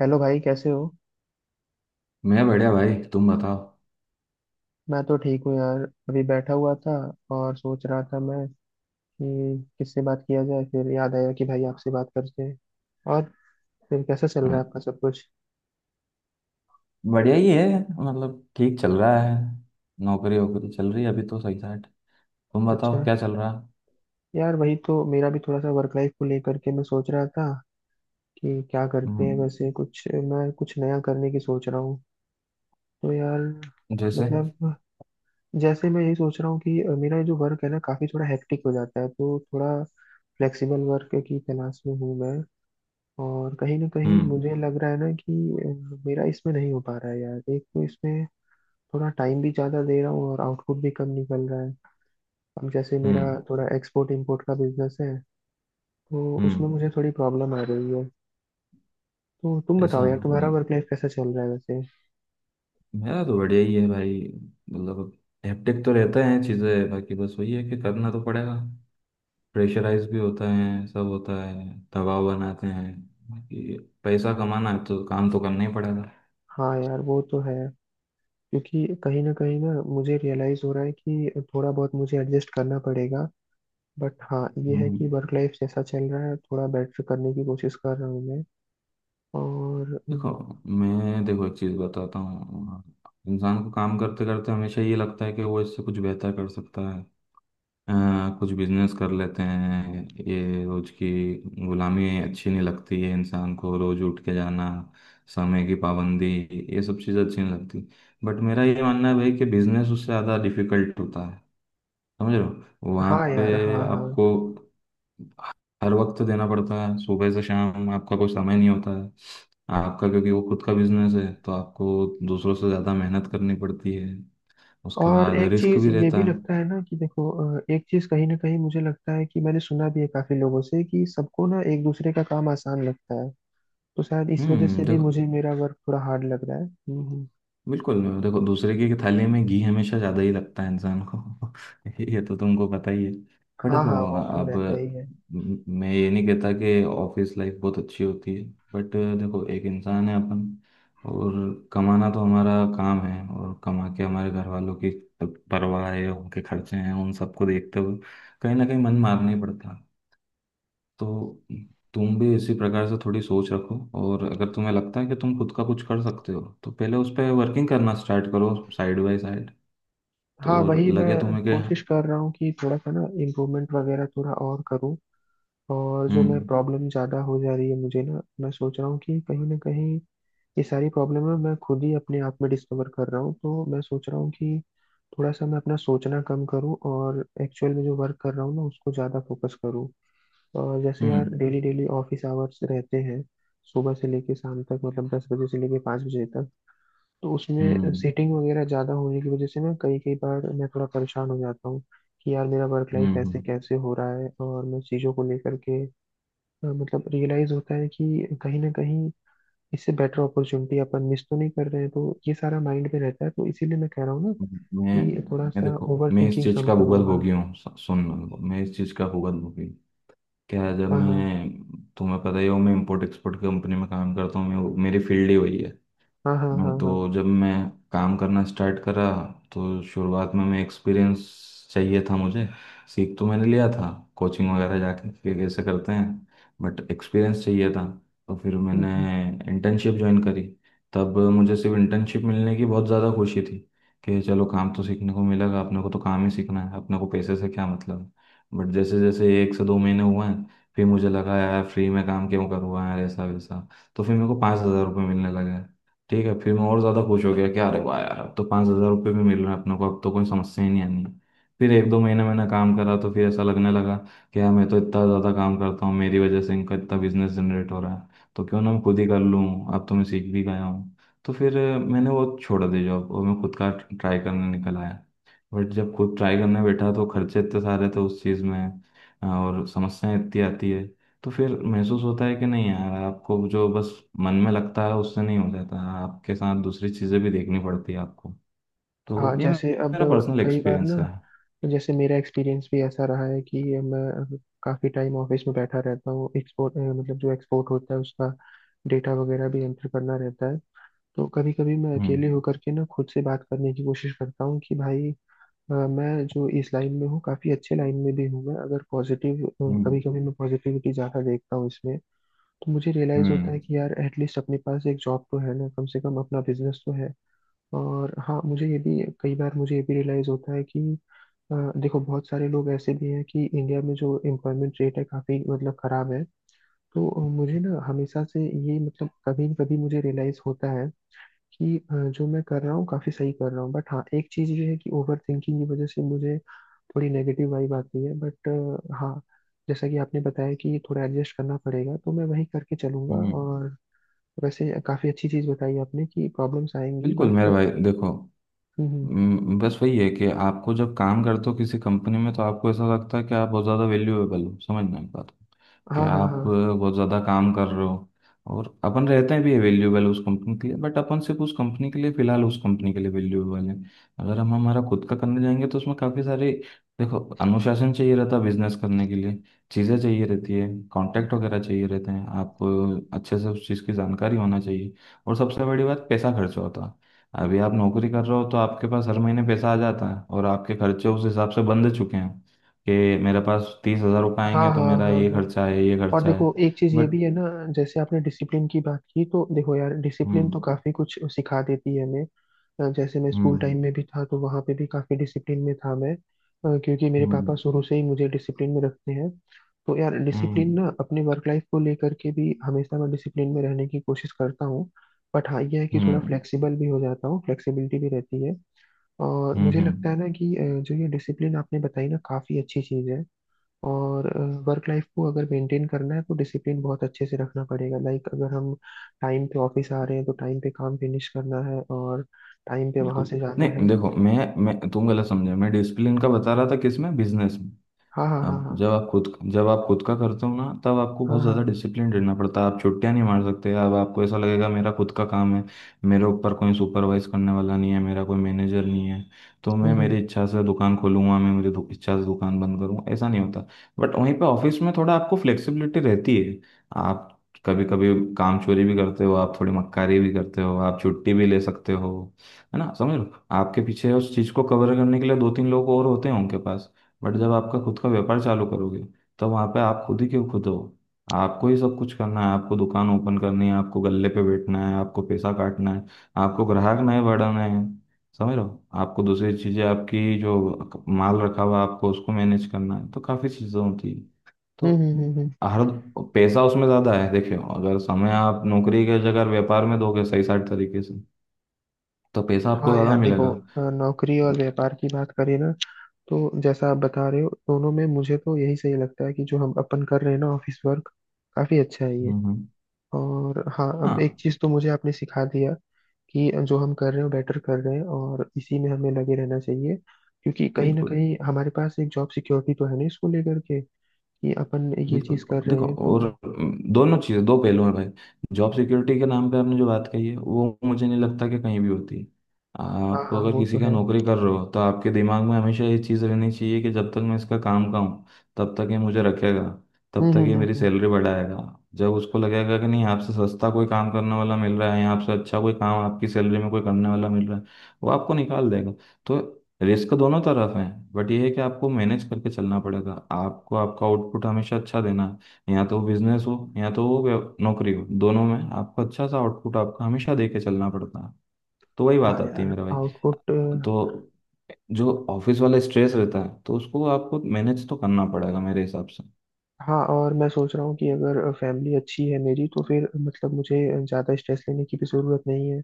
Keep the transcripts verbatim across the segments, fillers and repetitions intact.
Hello भाई, कैसे हो? मैं बढ़िया भाई। तुम बताओ। मैं तो ठीक हूँ, यार। अभी बैठा हुआ था और सोच रहा था मैं कि किससे बात किया जाए, फिर याद आया कि भाई आपसे बात करते हैं। और फिर कैसा चल अ, रहा है आपका सब कुछ? बढ़िया ही है। मतलब ठीक चल रहा है। नौकरी वोकरी चल रही है अभी तो सही साट। तुम अच्छा। बताओ क्या चल रहा है? यार, वही तो मेरा भी, थोड़ा सा वर्क लाइफ को लेकर के मैं सोच रहा था कि क्या करते हैं। हम्म। वैसे कुछ मैं कुछ नया करने की सोच रहा हूँ। तो यार, जैसे। मतलब जैसे मैं यही सोच रहा हूँ कि मेरा जो वर्क है ना, काफ़ी थोड़ा हेक्टिक हो जाता है। तो थोड़ा फ्लेक्सिबल वर्क की तलाश में हूँ मैं। और कहीं ना कहीं हम्म, मुझे लग रहा है ना कि अ, मेरा इसमें नहीं हो पा रहा है, यार। एक तो इसमें थोड़ा टाइम भी ज़्यादा दे रहा हूँ और आउटपुट भी कम निकल रहा है। अब जैसे मेरा हम्म, थोड़ा एक्सपोर्ट इंपोर्ट का बिजनेस है, तो उसमें हम्म। मुझे थोड़ी प्रॉब्लम आ रही है। तो तुम ऐसा। बताओ यार, तुम्हारा हम्म, वर्क लाइफ कैसा चल रहा है वैसे? मेरा तो बढ़िया ही है भाई। मतलब हेक्टिक तो रहता है चीज़ें, बाकी बस वही है कि करना तो पड़ेगा। प्रेशराइज भी होता है, सब होता है। दबाव बनाते हैं। बाकी पैसा कमाना है तो काम तो करना ही पड़ेगा। हाँ यार, वो तो है। क्योंकि कहीं ना कहीं ना मुझे रियलाइज़ हो रहा है कि थोड़ा बहुत मुझे एडजस्ट करना पड़ेगा। बट हाँ, ये है कि हम्म। वर्क लाइफ जैसा चल रहा है, थोड़ा बेटर करने की कोशिश कर रहा हूँ मैं। और देखो। हम्म, मैं देखो एक चीज़ बताता हूँ। इंसान को काम करते करते हमेशा ये लगता है कि वो इससे कुछ बेहतर कर सकता है। अ, कुछ बिजनेस कर लेते हैं। ये रोज की गुलामी अच्छी नहीं लगती है इंसान को, रोज उठ के जाना, समय की पाबंदी, ये सब चीज़ें अच्छी नहीं लगती। बट मेरा ये मानना है भाई कि बिजनेस उससे ज़्यादा डिफिकल्ट होता है। समझ रहे हो? वहाँ हाँ यार, पे हाँ हाँ। आपको हर वक्त देना पड़ता है, सुबह से शाम आपका कोई समय नहीं होता है आपका, क्योंकि वो खुद का बिजनेस है तो आपको दूसरों से ज़्यादा मेहनत करनी पड़ती है। उसके और बाद एक रिस्क चीज भी ये रहता भी है। लगता है ना कि देखो, अ, एक चीज कहीं ना कहीं मुझे लगता है कि मैंने सुना भी है काफी लोगों से कि सबको ना एक दूसरे का काम आसान लगता है। तो शायद इस वजह हम्म। से भी देखो। मुझे मेरा वर्क थोड़ा हार्ड लग रहा है। हम्म हम्म। बिल्कुल। देखो, दूसरे की थाली में घी हमेशा ज़्यादा ही लगता है इंसान को। ये तो तुमको पता ही है। पर हाँ देखो, हाँ, वो तो अब रहता ही है। म- मैं ये नहीं कहता कि ऑफिस लाइफ बहुत अच्छी होती है। बट देखो, एक इंसान है अपन, और कमाना तो हमारा काम है, और कमा के हमारे घर वालों की परवाह है, उनके खर्चे हैं, उन सबको देखते हुए कहीं ना कहीं मन मारना ही पड़ता है। तो तुम भी इसी प्रकार से थोड़ी सोच रखो। और अगर तुम्हें लगता है कि तुम खुद का कुछ कर सकते हो तो पहले उस पर वर्किंग करना स्टार्ट करो साइड बाय साइड। हाँ, तो और वही लगे मैं तुम्हें कि। कोशिश कर रहा हूँ कि थोड़ा सा ना इम्प्रूवमेंट वगैरह थोड़ा और करूँ। और जो मैं हम्म, प्रॉब्लम ज़्यादा हो जा रही है मुझे ना, मैं सोच रहा हूँ कि कहीं ना कहीं ये सारी प्रॉब्लम है, मैं खुद ही अपने आप में डिस्कवर कर रहा हूँ। तो मैं सोच रहा हूँ कि थोड़ा सा मैं अपना सोचना कम करूँ और एक्चुअल में जो वर्क कर रहा हूँ ना उसको ज़्यादा फोकस करूँ। और जैसे यार हम्म, डेली डेली ऑफिस आवर्स रहते हैं, सुबह से लेके शाम तक, मतलब दस बजे से लेके पाँच बजे तक। तो उसमें हम्म, सीटिंग वगैरह ज़्यादा होने की वजह से ना, कई कई बार मैं थोड़ा परेशान हो जाता हूँ कि यार, मेरा वर्क हम्म, लाइफ हम्म, ऐसे हम्म। कैसे हो रहा है। और मैं चीज़ों को लेकर के अ, मतलब रियलाइज़ होता है कि कहीं ना कहीं इससे बेटर अपॉर्चुनिटी अपन मिस तो नहीं कर रहे हैं। तो ये सारा माइंड में रहता है। तो इसीलिए मैं कह रहा हूँ ना मैं कि थोड़ा मैं सा देखो ओवर मैं इस थिंकिंग चीज़ कम का भुगत करूंगा। भोगी हूँ, सु- सुन। मैं इस चीज़ का भुगत भोगी हूँ। क्या है, जब हाँ हाँ मैं, तुम्हें पता ही हो, मैं इंपोर्ट एक्सपोर्ट कंपनी में काम करता हूँ, मैं, मेरी फील्ड ही वही है। हाँ हाँ हाँ हाँ, हाँ। तो जब मैं काम करना स्टार्ट करा तो शुरुआत में मैं, एक्सपीरियंस चाहिए था मुझे। सीख तो मैंने लिया था कोचिंग वगैरह जाके कि कैसे करते हैं, बट एक्सपीरियंस चाहिए था। तो फिर हम्म, मैंने हम्म। इंटर्नशिप ज्वाइन करी। तब मुझे सिर्फ इंटर्नशिप मिलने की बहुत ज़्यादा खुशी थी कि चलो काम तो सीखने को मिलेगा, अपने को तो काम ही सीखना है, अपने को पैसे से क्या मतलब। बट जैसे जैसे एक से दो महीने हुए हैं फिर मुझे लगा, यार फ्री में काम क्यों करूँगा यार, ऐसा वैसा। तो फिर मेरे को पाँच हज़ार रुपये मिलने लगा। ठीक है, फिर मैं और ज़्यादा खुश हो गया कि अरे वाह यार, अब तो पाँच हज़ार रुपये भी मिल रहे हैं अपने को, अब तो कोई समस्या ही नहीं आनी है। फिर एक दो महीने मैंने काम करा तो फिर ऐसा लगने लगा कि यार मैं तो इतना ज़्यादा काम करता हूँ, मेरी वजह से इनका इतना बिजनेस जनरेट हो रहा है, तो क्यों ना मैं खुद ही कर लूँ, अब तो मैं सीख भी गया हूँ। तो फिर अ, मैंने वो छोड़ दी जॉब और मैं खुद का ट्राई करने निकल आया। बट जब खुद ट्राई करने बैठा तो खर्चे इतने सारे थे उस चीज़ में और समस्याएं इतनी आती है। तो फिर महसूस होता है कि नहीं यार, आपको जो बस मन में लगता है उससे नहीं हो जाता, आपके साथ दूसरी चीजें भी देखनी पड़ती है आपको। तो हाँ, ये मे- जैसे अब मेरा पर्सनल कई बार एक्सपीरियंस ना, है। जैसे मेरा एक्सपीरियंस भी ऐसा रहा है कि मैं काफ़ी टाइम ऑफिस में बैठा रहता हूँ। एक्सपोर्ट मतलब जो एक्सपोर्ट होता है उसका डेटा वगैरह भी एंटर करना रहता है। तो कभी कभी मैं अकेले हम्म, होकर के ना, खुद से बात करने की कोशिश करता हूँ कि भाई, अ, मैं जो इस लाइन में हूँ, काफी अच्छे लाइन में भी हूँ मैं। अगर पॉजिटिव हम्म, कभी कभी मैं पॉजिटिविटी ज्यादा देखता हूँ इसमें, तो मुझे रियलाइज होता है हम्म, कि यार एटलीस्ट अपने पास एक जॉब तो है ना, कम से कम अपना बिजनेस तो है। और हाँ, मुझे ये भी कई बार मुझे ये भी रियलाइज होता है कि अ, देखो, बहुत सारे लोग ऐसे भी हैं कि इंडिया में जो एम्प्लॉयमेंट रेट है काफी मतलब खराब है। तो अ, मुझे ना हमेशा से ये, मतलब कभी कभी मुझे रियलाइज होता है कि अ, जो मैं कर रहा हूँ काफी सही कर रहा हूँ। बट हाँ, एक चीज ये है कि ओवर थिंकिंग की वजह से मुझे थोड़ी नेगेटिव वाइब आती है। बट हाँ, जैसा कि आपने बताया कि थोड़ा एडजस्ट करना पड़ेगा, तो मैं वही करके चलूंगा। हम्म। और वैसे काफ़ी अच्छी चीज़ बताई आपने कि प्रॉब्लम्स आएंगी। बिल्कुल मेरे बट भाई, देखो। हम्म हम्म, हम्म, बस वही है कि आपको जब काम करते हो किसी कंपनी में तो आपको ऐसा लगता है कि आप बहुत ज़्यादा वैल्यूएबल हो, समझ में बात को, कि हाँ हाँ हाँ आप अ, बहुत ज़्यादा काम कर रहे हो। और अपन रहते हैं भी वैल्यूएबल उस कंपनी के लिए, बट अपन सिर्फ उस कंपनी के लिए, फिलहाल उस कंपनी के लिए वैल्यूएबल हैं। अगर हम हमारा खुद का करने जाएंगे तो उसमें काफ़ी सारे, देखो, अनुशासन चाहिए रहता है बिजनेस करने के लिए, चीज़ें चाहिए रहती है, कॉन्टैक्ट वगैरह चाहिए रहते हैं आपको, अच्छे से उस चीज़ की जानकारी होना चाहिए, और सबसे बड़ी बात, पैसा खर्च होता है। अभी आप नौकरी कर रहे हो तो आपके पास हर महीने पैसा आ जाता है और आपके खर्चे उस हिसाब से बंध चुके हैं कि मेरे पास तीस हजार रुपये हाँ आएंगे तो हाँ मेरा हाँ ये हाँ। खर्चा है, ये और खर्चा है। देखो, एक चीज़ ये बट। भी है ना, जैसे आपने डिसिप्लिन की बात की, तो देखो यार, डिसिप्लिन हम्म, तो काफ़ी कुछ सिखा देती है हमें। अ, जैसे मैं स्कूल हम्म, टाइम में भी था तो वहाँ पे भी काफ़ी डिसिप्लिन में था मैं, अ, क्योंकि मेरे हम्म, पापा शुरू से ही मुझे डिसिप्लिन में रखते हैं। तो यार हम्म, डिसिप्लिन ना, अपने वर्क लाइफ को लेकर के भी हमेशा मैं डिसिप्लिन में रहने की कोशिश करता हूँ। बट हाँ, यह है कि थोड़ा हम्म, फ्लेक्सिबल भी हो जाता हूँ, फ्लेक्सिबिलिटी भी रहती है। और हम्म, मुझे लगता हम्म, है ना कि अ, जो ये डिसिप्लिन आपने बताई ना, काफ़ी अच्छी चीज़ है। और वर्क लाइफ को अगर मेंटेन करना है तो डिसिप्लिन बहुत अच्छे से रखना पड़ेगा। लाइक अगर हम टाइम पे ऑफिस आ रहे हैं तो टाइम पे काम फिनिश करना है और टाइम पे वहां बिल्कुल से जाना है। नहीं। देखो, मैं, मैं तुम गलत समझे, मैं डिसिप्लिन का बता रहा था किसमें, बिजनेस में। हाँ हाँ हाँ आप हाँ जब, आप खुद, जब आप खुद का करते हो ना, तब आपको हाँ बहुत हाँ। ज़्यादा डिसिप्लिन रहना पड़ता है, आप छुट्टियां नहीं मार सकते। अब आपको ऐसा लगेगा मेरा खुद का काम है, मेरे ऊपर कोई सुपरवाइज करने वाला नहीं है, मेरा कोई मैनेजर नहीं है, तो हम्म मैं हम्म मेरी इच्छा से दुकान खोलूंगा, मैं मेरी दु- इच्छा से दुकान बंद करूंगा। ऐसा नहीं होता। बट वहीं पे ऑफिस में थोड़ा आपको फ्लेक्सिबिलिटी रहती है। आप कभी कभी काम चोरी भी करते हो, आप थोड़ी मक्कारी भी करते हो, आप छुट्टी भी ले सकते हो, है ना, समझ लो। आपके पीछे उस चीज़ को कवर करने के लिए दो तीन लोग और होते हैं उनके पास। बट जब आपका खुद का व्यापार चालू करोगे तो वहां पे आप खुद ही, क्यों, खुद हो, आपको ही सब कुछ करना है। आपको दुकान ओपन करनी है, आपको गल्ले पे बैठना है, आपको पैसा काटना है, आपको ग्राहक नए बढ़ाने हैं, समझ रहे हो, आपको दूसरी चीजें, आपकी जो माल रखा हुआ है, आपको उसको मैनेज करना है, तो काफी चीजें होती है। हम्म तो हम्म हम्म, हम्म। हर, पैसा उसमें ज्यादा है, देखियो, अगर समय आप नौकरी के जगह व्यापार में दोगे सही साइड तरीके से, तो पैसा आपको हाँ ज्यादा यार मिलेगा। देखो, अ, नौकरी और व्यापार की बात करें ना, तो जैसा आप बता रहे हो, दोनों में मुझे तो यही सही लगता है कि जो हम अपन कर रहे हैं ना ऑफिस वर्क, काफी अच्छा है ये। हम्म, हम्म, और हाँ, अब एक हाँ। चीज तो मुझे आपने सिखा दिया कि जो हम कर रहे हैं वो बेटर कर रहे हैं और इसी में हमें लगे रहना चाहिए। क्योंकि कहीं ना बिल्कुल, कहीं हमारे पास एक जॉब सिक्योरिटी तो है ना, इसको लेकर के कि अपन ये बिल्कुल। चीज कर रहे देखो, हैं तो। और अम, दोनों चीज़ें दो पहलू हैं भाई। जॉब सिक्योरिटी के नाम पे आपने जो बात कही है वो मुझे नहीं लगता कि कहीं भी होती है। हाँ आप हाँ, अगर वो किसी तो का है। नौकरी कर रहे हो तो आपके दिमाग में हमेशा ये चीज़ रहनी चाहिए कि जब तक मैं इसका काम का हूँ तब तक ये मुझे रखेगा, तब हम्म तक हम्म ये हम्म मेरी हम्म। सैलरी बढ़ाएगा। जब उसको लगेगा कि नहीं, आपसे सस्ता कोई काम करने वाला मिल रहा है, या आपसे अच्छा कोई काम आपकी सैलरी में कोई करने वाला मिल रहा है, वो आपको निकाल देगा। तो रिस्क दोनों तरफ है। बट ये है कि आपको मैनेज करके चलना पड़ेगा, आपको आपका आउटपुट हमेशा अच्छा देना है, या तो बिजनेस हो या तो वो व्य- नौकरी हो, दोनों में आपको अच्छा सा आउटपुट आपको हमेशा दे के चलना पड़ता है। तो वही हाँ बात आती है यार मेरे भाई। आउटपुट। तो जो ऑफिस वाला स्ट्रेस रहता है तो उसको आपको मैनेज तो करना पड़ेगा मेरे हिसाब से। हाँ, और मैं सोच रहा हूँ कि अगर फैमिली अच्छी है मेरी, तो फिर मतलब मुझे ज़्यादा स्ट्रेस लेने की भी ज़रूरत नहीं है।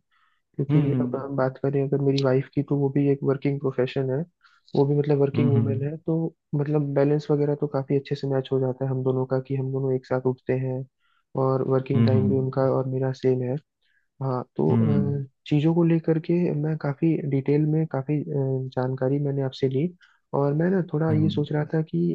क्योंकि अब हम्म, हम बात करें अगर मेरी वाइफ की, तो वो भी एक वर्किंग प्रोफेशन है। वो भी, मतलब वर्किंग हम्म, वूमेन हम्म, है, तो मतलब बैलेंस वगैरह तो काफी अच्छे से मैच हो जाता है हम दोनों का, कि हम दोनों एक साथ उठते हैं और वर्किंग टाइम भी हम्म, उनका और मेरा सेम है। हाँ तो हम्म, अ, चीज़ों को लेकर के मैं काफ़ी डिटेल में, काफ़ी जानकारी मैंने आपसे ली। और मैं ना थोड़ा ये हम्म, सोच रहा था कि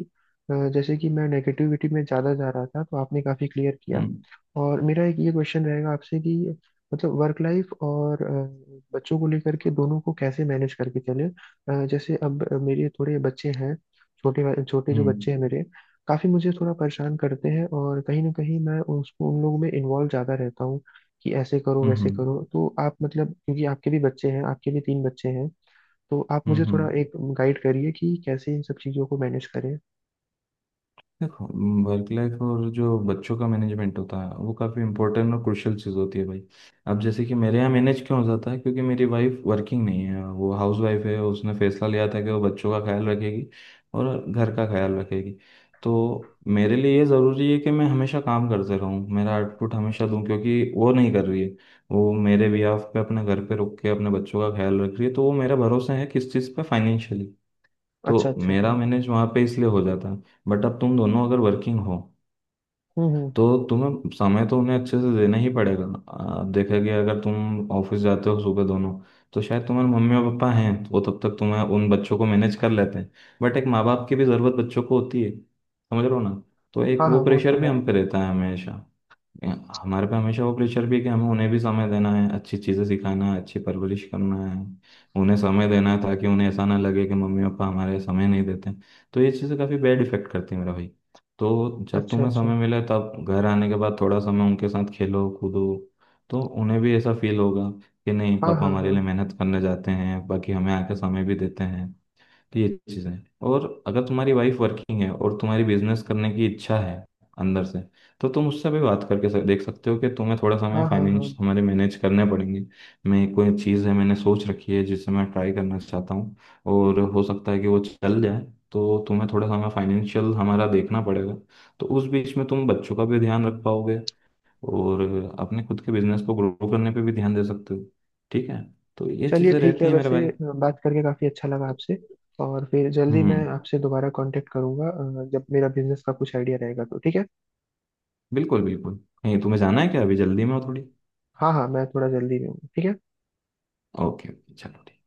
अ, जैसे कि मैं नेगेटिविटी में ज़्यादा जा रहा था, तो आपने काफ़ी क्लियर किया। हम्म, और मेरा एक ये क्वेश्चन रहेगा आपसे कि मतलब वर्क लाइफ और अ, बच्चों को लेकर के दोनों को कैसे मैनेज करके चले। अ, जैसे अब मेरे थोड़े बच्चे हैं, छोटे वाले- छोटे जो हम्म, बच्चे हैं मेरे, काफ़ी मुझे थोड़ा परेशान करते हैं। और कहीं ना कहीं मैं उसको, उन लोगों में इन्वॉल्व ज़्यादा रहता हूँ कि ऐसे करो हम्म, वैसे हम्म, करो। तो आप, मतलब क्योंकि आपके भी बच्चे हैं, आपके भी तीन बच्चे हैं, तो आप मुझे हम्म, थोड़ा हम्म। एक गाइड करिए कि कैसे इन सब चीज़ों को मैनेज करें। देखो, वर्क लाइफ और जो बच्चों का मैनेजमेंट होता है वो काफ़ी इंपॉर्टेंट और क्रुशियल चीज़ होती है भाई। अब जैसे कि मेरे यहाँ मैनेज क्यों हो जाता है, क्योंकि मेरी वाइफ वर्किंग नहीं है, वो हाउस वाइफ है, उसने फैसला लिया था कि वो बच्चों का ख्याल रखेगी और घर का ख्याल रखेगी। तो मेरे लिए ये ज़रूरी है कि मैं हमेशा काम करते रहूँ, मेरा आउटपुट हमेशा दूँ, क्योंकि वो नहीं कर रही है। वो मेरे बिहाफ पे अपने घर पे रुक के अपने बच्चों का ख्याल रख रही है, तो वो मेरा भरोसा है किस चीज़ पे, फाइनेंशियली। तो अच्छा अच्छा, मेरा हाँ। मैनेज वहाँ पे इसलिए हो जाता है। बट अब तुम दोनों अगर वर्किंग हो हम्म हम्म। तो तुम्हें समय तो उन्हें अच्छे से देना ही पड़ेगा। आ, देखा गया अगर तुम ऑफिस जाते हो सुबह दोनों, तो शायद तुम्हारे मम्मी और पापा हैं तो वो तब तक तुम्हें उन बच्चों को मैनेज कर लेते हैं। बट एक माँ बाप की भी ज़रूरत बच्चों को होती है, समझ रहे हो ना। तो एक हाँ हाँ, वो वो प्रेशर तो भी है। हम पे रहता है हमेशा। हमारे पे हमेशा वो प्रेशर भी है कि हमें उन्हें भी समय देना है, अच्छी चीज़ें सिखाना है, अच्छी परवरिश करना है, उन्हें समय देना है ताकि उन्हें ऐसा ना लगे कि मम्मी पापा हमारे समय नहीं देते। तो ये चीज़ें काफ़ी बैड इफेक्ट करती है मेरा भाई। तो जब अच्छा तुम्हें अच्छा। समय मिले, तब घर आने के बाद थोड़ा समय उनके साथ खेलो कूदो, तो उन्हें भी ऐसा फील होगा कि नहीं, हाँ पापा हाँ हमारे हाँ लिए मेहनत करने जाते हैं, बाकी हमें आके समय भी देते हैं। तो ये चीज़ें। और अगर तुम्हारी वाइफ वर्किंग है और तुम्हारी बिजनेस करने की इच्छा है अंदर से, तो तुम उससे भी बात करके सक- देख सकते हो कि तुम्हें थोड़ा समय हाँ हाँ हाँ। फाइनेंस हमारे मैनेज करने पड़ेंगे। मैं, कोई चीज़ है मैंने सोच रखी है जिसे मैं ट्राई करना चाहता हूँ और हो सकता है कि वो चल जाए, तो तुम्हें थोड़ा समय फाइनेंशियल हमारा देखना पड़ेगा। तो उस बीच में तुम बच्चों का भी ध्यान रख पाओगे और अपने खुद के बिजनेस को ग्रो करने पे भी ध्यान दे सकते हो। ठीक है? तो ये चलिए चीज़ें ठीक रहती है। हैं मेरे वैसे भाई। अ, बात करके काफ़ी अच्छा लगा आपसे। और फिर जल्दी हम्म। मैं आपसे दोबारा कांटेक्ट करूंगा, अ, जब मेरा बिजनेस का कुछ आइडिया रहेगा तो। ठीक है। बिल्कुल, बिल्कुल। कहीं तुम्हें जाना है क्या, अभी जल्दी में हो थोड़ी? हाँ हाँ, मैं थोड़ा जल्दी में हूँ, ठीक है। ओके, चलो ठीक।